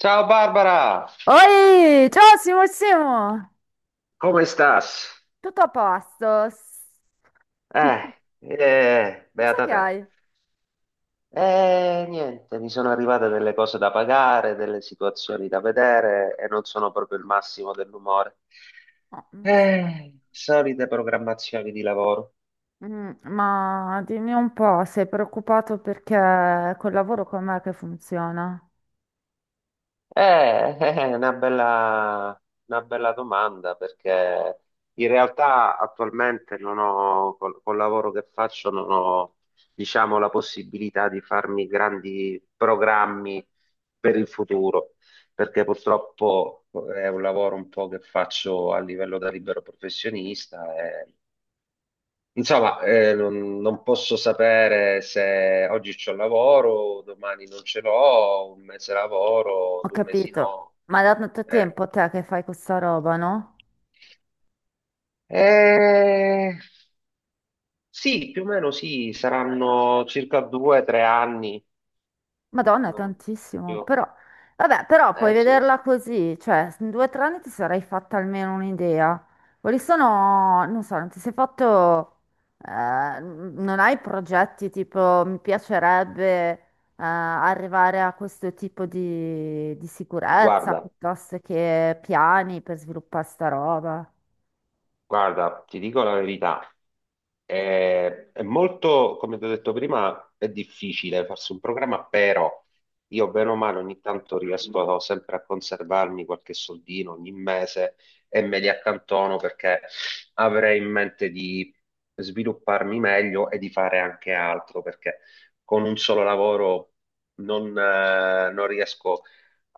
Ciao Barbara. Oi, ciao Simo, Come stas? tutto a posto? Cosa Beata che te. hai? Niente, mi sono arrivate delle cose da pagare, delle situazioni da vedere e non sono proprio il massimo dell'umore. Oh, Solite programmazioni di lavoro. Ma dimmi un po', sei preoccupato perché col lavoro com'è che funziona? È una bella domanda perché in realtà attualmente non ho, col lavoro che faccio, non ho, diciamo, la possibilità di farmi grandi programmi per il futuro, perché purtroppo è un lavoro un po' che faccio a livello da libero professionista e insomma, non posso sapere se oggi c'ho lavoro, domani non ce l'ho, un mese lavoro, Ho due mesi capito, no. ma da tanto Eh, tempo te che fai questa roba, no? eh, sì, più o meno sì, saranno circa 2 o 3 anni. Madonna, è Non- tantissimo, io- però, vabbè, però puoi eh sì, vederla così, cioè in due o tre anni ti sarai fatta almeno un'idea. Quali sono, non so, non ti sei fatto, non hai progetti tipo mi piacerebbe eh, arrivare a questo tipo di sicurezza guarda, piuttosto che piani per sviluppare sta roba? guarda, ti dico la verità, è molto, come ti ho detto prima, è difficile farsi un programma, però io bene o male ogni tanto riesco sempre a conservarmi qualche soldino ogni mese e me li accantono perché avrei in mente di svilupparmi meglio e di fare anche altro, perché con un solo lavoro non riesco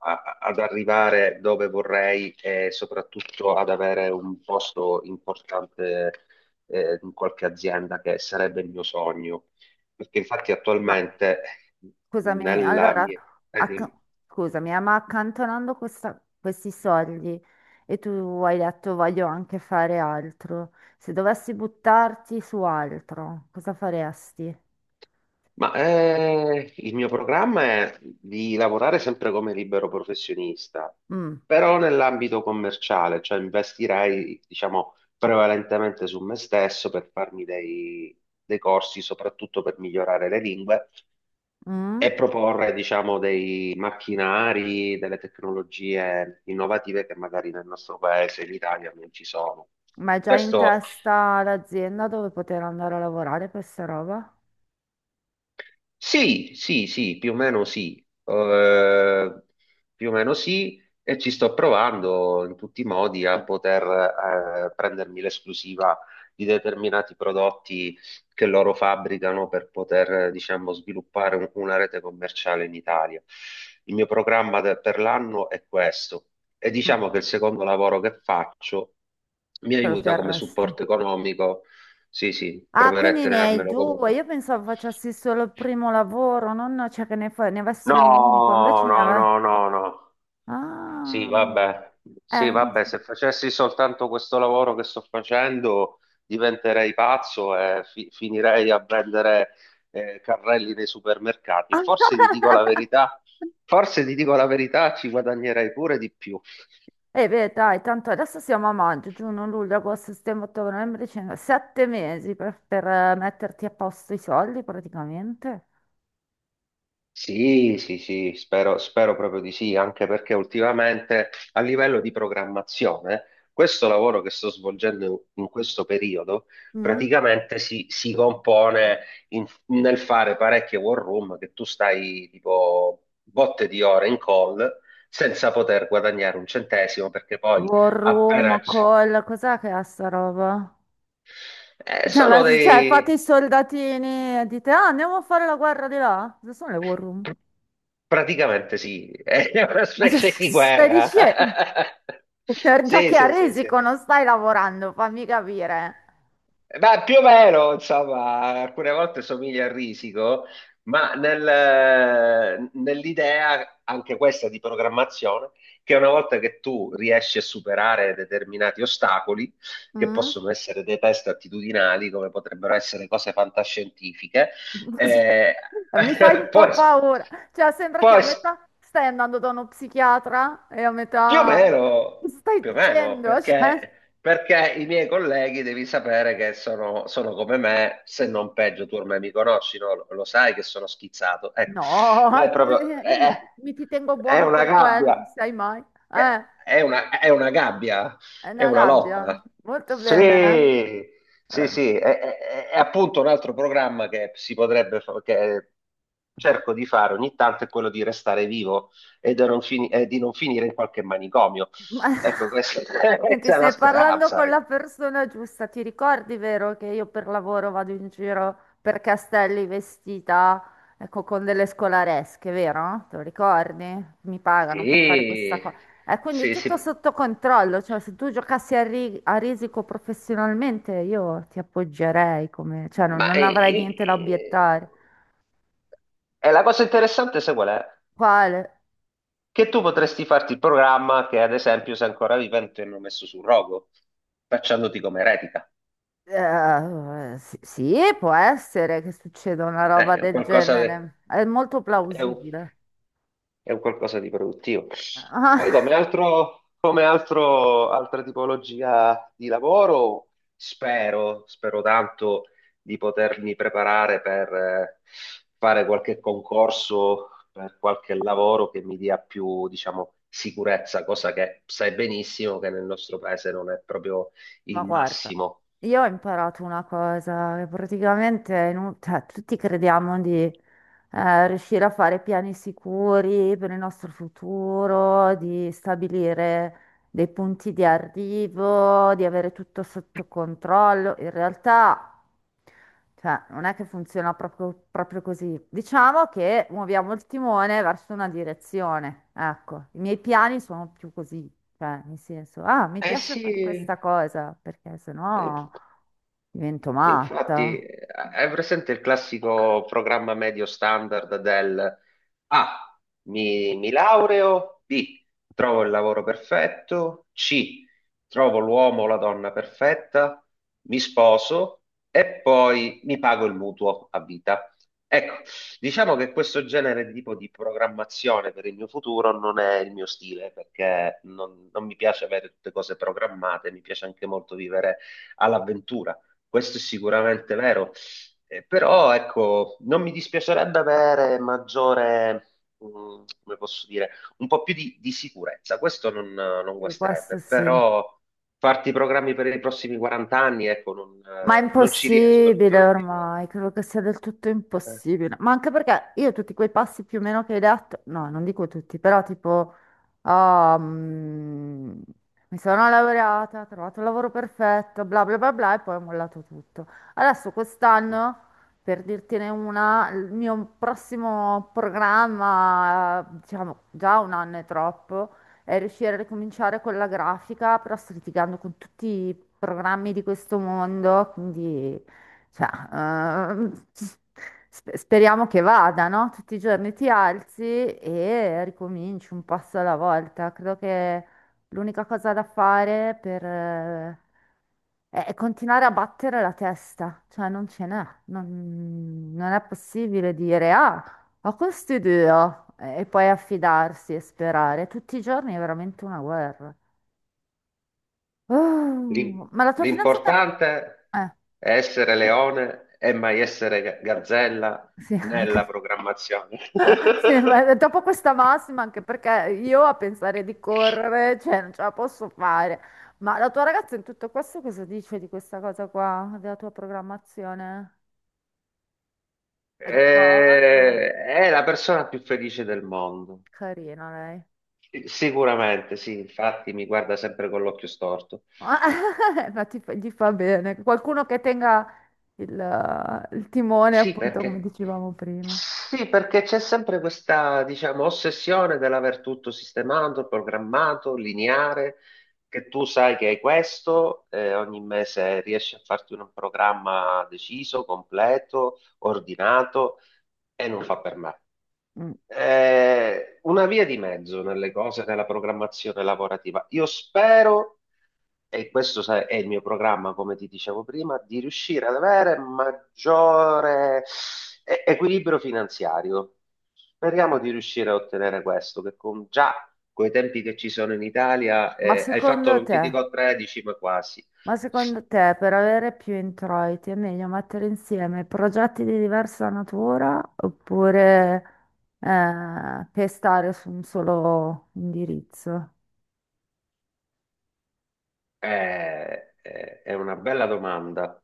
ad arrivare dove vorrei e soprattutto ad avere un posto importante in qualche azienda che sarebbe il mio sogno. Perché infatti Ma attualmente Scusami, nella allora, mia... acc- dimmi. scusami, ma accantonando questi soldi e tu hai detto voglio anche fare altro, se dovessi buttarti su altro, cosa faresti? Ma il mio programma è di lavorare sempre come libero professionista, Mm. però nell'ambito commerciale, cioè investirei, diciamo, prevalentemente su me stesso per dei corsi, soprattutto per migliorare le lingue e Mm? proporre, diciamo, dei macchinari, delle tecnologie innovative che magari nel nostro paese, in Italia, non ci sono. Ma hai già in Questo testa l'azienda dove poter andare a lavorare per sta roba? Sì, sì, più o meno sì. Eh, Più o meno sì, e ci sto provando in tutti i modi a poter prendermi l'esclusiva di determinati prodotti che loro fabbricano per poter, diciamo, sviluppare una rete commerciale in Italia. Il mio programma per l'anno è questo e Ma diciamo che il secondo lavoro che faccio mi te lo aiuta come terresti? supporto economico. Sì, Ah, proverò a quindi ne hai tenermelo due. comunque. Io pensavo facessi solo il primo lavoro, non, cioè che ne, ne avessi un unico, No, invece ne no, avevo... no, no, no. Sì, Ah, vabbè. Sì, no. vabbè, se facessi soltanto questo lavoro che sto facendo, diventerei pazzo e finirei a vendere carrelli nei supermercati. Forse ti dico la verità, ci guadagnerei pure di più. E beh, dai, tanto adesso siamo a maggio, giugno, luglio, agosto, settembre, ottobre, novembre, dicembre, sette mesi per, metterti a posto i soldi praticamente. Sì, sì, spero, spero proprio di sì, anche perché ultimamente a livello di programmazione, questo lavoro che sto svolgendo in questo periodo Mm. praticamente si compone nel fare parecchie war room che tu stai tipo botte di ore in call senza poter guadagnare un centesimo perché poi War appena... room, call, cos'è che è sta roba? Sono cioè, fate dei... i soldatini e dite, ah, andiamo a fare la guerra di là. Cosa sono le war room? Praticamente sì, è una specie di Stai guerra. dicendo, già Sì, che a sì, sì, sì, risico sì. non stai lavorando, fammi capire. Ma più o meno, insomma, alcune volte somiglia a risico, ma nell'idea anche questa di programmazione, che una volta che tu riesci a superare determinati ostacoli, che Mm? possono essere dei test attitudinali, come potrebbero essere cose fantascientifiche, eh, Mi fai un po' poi, paura. Cioè, sembra che a poi metà stai andando da uno psichiatra e a più o metà... Che meno, stai dicendo, cioè, perché, i miei colleghi devi sapere che sono, sono come me, se non peggio, tu ormai mi conosci, no? Lo sai che sono schizzato. Ecco, no, là è proprio, mi ti tengo è buono una per quello, non gabbia, sai mai. è, Eh, è è una gabbia, è è una una gabbia. lotta. Molto bene. Sì, Eh. sì, Eh. sì, è appunto un altro programma che si potrebbe, che cerco di fare ogni tanto, è quello di restare vivo e di non finire in qualche manicomio. Ma... Ecco, questa Senti, questa è una stai parlando speranza. con la persona giusta. Ti ricordi, vero, che io per lavoro vado in giro per castelli vestita, ecco, con delle scolaresche, vero? Te lo ricordi? Mi pagano per fare questa Sì, cosa. E quindi è sì, tutto sì. sotto controllo, cioè se tu giocassi a risico professionalmente io ti appoggerei come, cioè Ma non avrei niente da obiettare. e la cosa interessante, sai qual è? Quale? Che tu potresti farti il programma che, ad esempio, se ancora vivente hanno messo sul rogo, facciandoti come eretica. Sì, può essere che succeda una roba È un del qualcosa che... genere. È molto è plausibile. è un qualcosa di produttivo. Poi Ah, come altro, come altra tipologia di lavoro, spero, spero tanto di potermi preparare per fare qualche concorso, per qualche lavoro che mi dia più, diciamo, sicurezza, cosa che sai benissimo che nel nostro paese non è proprio ma il guarda, massimo. io ho imparato una cosa che praticamente è cioè, tutti crediamo di riuscire a fare piani sicuri per il nostro futuro, di stabilire dei punti di arrivo, di avere tutto sotto controllo. In realtà, cioè, non è che funziona proprio così. Diciamo che muoviamo il timone verso una direzione. Ecco, i miei piani sono più così, cioè, nel senso, ah, mi Eh piace fare sì, questa cosa, perché eh, sennò divento sì, matta. infatti, hai presente il classico programma medio standard del A, mi laureo, B, trovo il lavoro perfetto, C, trovo l'uomo o la donna perfetta, mi sposo e poi mi pago il mutuo a vita. Ecco, diciamo che questo genere di tipo di programmazione per il mio futuro non è il mio stile, perché non mi piace avere tutte cose programmate, mi piace anche molto vivere all'avventura. Questo è sicuramente vero. Però ecco, non mi dispiacerebbe avere maggiore, mm, come posso dire, un po' più di sicurezza, questo non E questo guasterebbe, sì. però farti i programmi per i prossimi 40 anni, ecco, Ma è non ci riesco, non impossibile sono il tipo. ormai, credo che sia del tutto Eh, impossibile. Ma anche perché io tutti quei passi più o meno che hai detto, no, non dico tutti, però tipo, ah, mi sono laureata, ho trovato il lavoro perfetto, bla bla bla bla, e poi ho mollato tutto. Adesso quest'anno, per dirtene una, il mio prossimo programma, diciamo, già un anno è troppo e riuscire a ricominciare con la grafica, però sto litigando con tutti i programmi di questo mondo, quindi cioè, speriamo che vada, no? Tutti i giorni ti alzi e ricominci un passo alla volta. Credo che l'unica cosa da fare per... è continuare a battere la testa, cioè non ce n'è, non è possibile dire ah, ho questi due, oh, e poi affidarsi e sperare. Tutti i giorni è veramente una guerra. l'im- Oh, ma la tua fidanzata... L'importante Eh, è essere leone e mai essere gazzella sì, nella anche... programmazione. sì, ma dopo questa massima, anche perché io a pensare di correre, cioè, non ce la posso fare. Ma la tua ragazza in tutto questo cosa dice di questa cosa qua, della tua programmazione? È d'accordo? È la persona più felice del mondo. Carina lei. Sicuramente, sì, infatti mi guarda sempre con l'occhio storto. Ma gli fa bene. Qualcuno che tenga... il timone, Sì, appunto, come perché dicevamo prima. sì, perché c'è sempre questa, diciamo, ossessione dell'aver tutto sistemato, programmato, lineare, che tu sai che hai questo, ogni mese riesci a farti un programma deciso, completo, ordinato, e non fa per me. Mm. Una via di mezzo nelle cose, nella programmazione lavorativa. Io spero, e questo sai, è il mio programma, come ti dicevo prima, di riuscire ad avere maggiore equilibrio finanziario. Speriamo di riuscire a ottenere questo, che con già coi tempi che ci sono in Italia, Ma hai fatto secondo non ti te, dico 13, ma quasi. ma secondo te, per avere più introiti è meglio mettere insieme progetti di diversa natura oppure pestare su un solo indirizzo? È una bella domanda.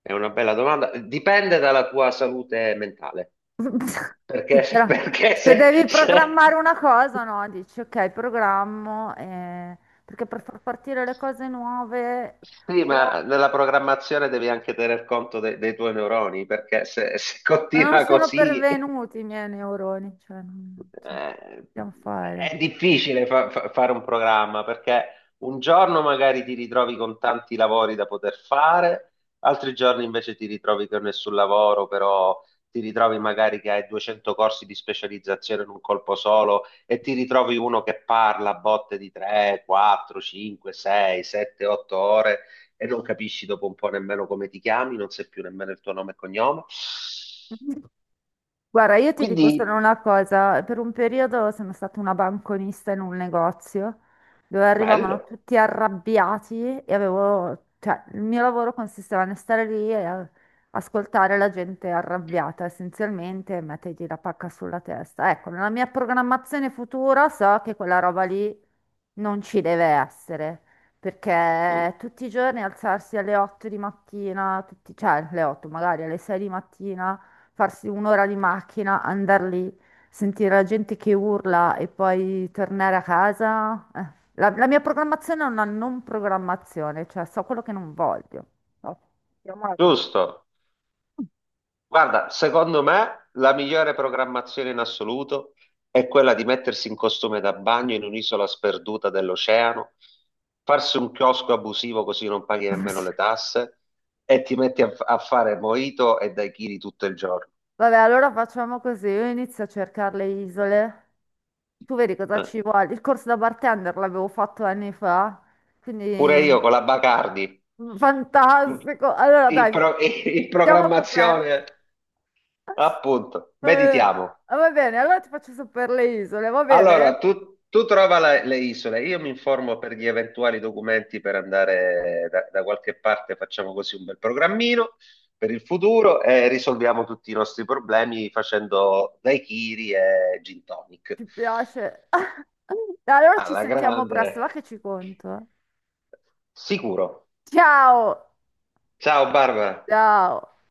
È una bella domanda. Dipende dalla tua salute mentale. Sì, Perché, però se devi programmare una cosa, no, dici ok, programmo, perché per far partire le cose nuove... sì, O ma nella programmazione devi anche tener conto dei tuoi neuroni, perché se ma non continua sono così... pervenuti i miei neuroni, cioè non Eh, possiamo fare. è difficile fare un programma perché un giorno magari ti ritrovi con tanti lavori da poter fare, altri giorni invece ti ritrovi con nessun lavoro, però ti ritrovi magari che hai 200 corsi di specializzazione in un colpo solo e ti ritrovi uno che parla a botte di 3, 4, 5, 6, 7, 8 ore e non capisci dopo un po' nemmeno come ti chiami, non sai più nemmeno il tuo nome e cognome. Guarda, io ti Quindi, dico solo una cosa, per un periodo sono stata una banconista in un negozio dove arrivavano bello, tutti arrabbiati e avevo, cioè, il mio lavoro consisteva nel stare lì e ascoltare la gente arrabbiata essenzialmente e mettergli la pacca sulla testa. Ecco, nella mia programmazione futura so che quella roba lì non ci deve essere, perché tutti i giorni alzarsi alle 8 di mattina, cioè alle 8 magari alle 6 di mattina farsi un'ora di macchina, andare lì, sentire la gente che urla e poi tornare a casa. Eh. La mia programmazione è una non programmazione, cioè so quello che non voglio. No, chiamiamola così. giusto. Guarda, secondo me la migliore programmazione in assoluto è quella di mettersi in costume da bagno in un'isola sperduta dell'oceano, farsi un chiosco abusivo così non paghi nemmeno le tasse e ti metti a fare mojito e daiquiri tutto il giorno. Vabbè, allora facciamo così, io inizio a cercare le isole, tu vedi cosa Eh. ci vuole. Il corso da bartender l'avevo fatto anni fa, quindi Pure io con la Bacardi in, fantastico. Allora in dai, in siamo coperti. programmazione, appunto, Eh, meditiamo. ah, va bene, allora ti faccio sapere le isole, va bene? Allora, tu trova le isole, io mi informo per gli eventuali documenti per andare da, qualche parte, facciamo così un bel programmino per il futuro e risolviamo tutti i nostri problemi facendo daiquiri e gin tonic. Ci piace. Dai, allora ci Alla sentiamo presto, va che grande, ci conto. sicuro. Ciao! Ciao Barbara. Ciao!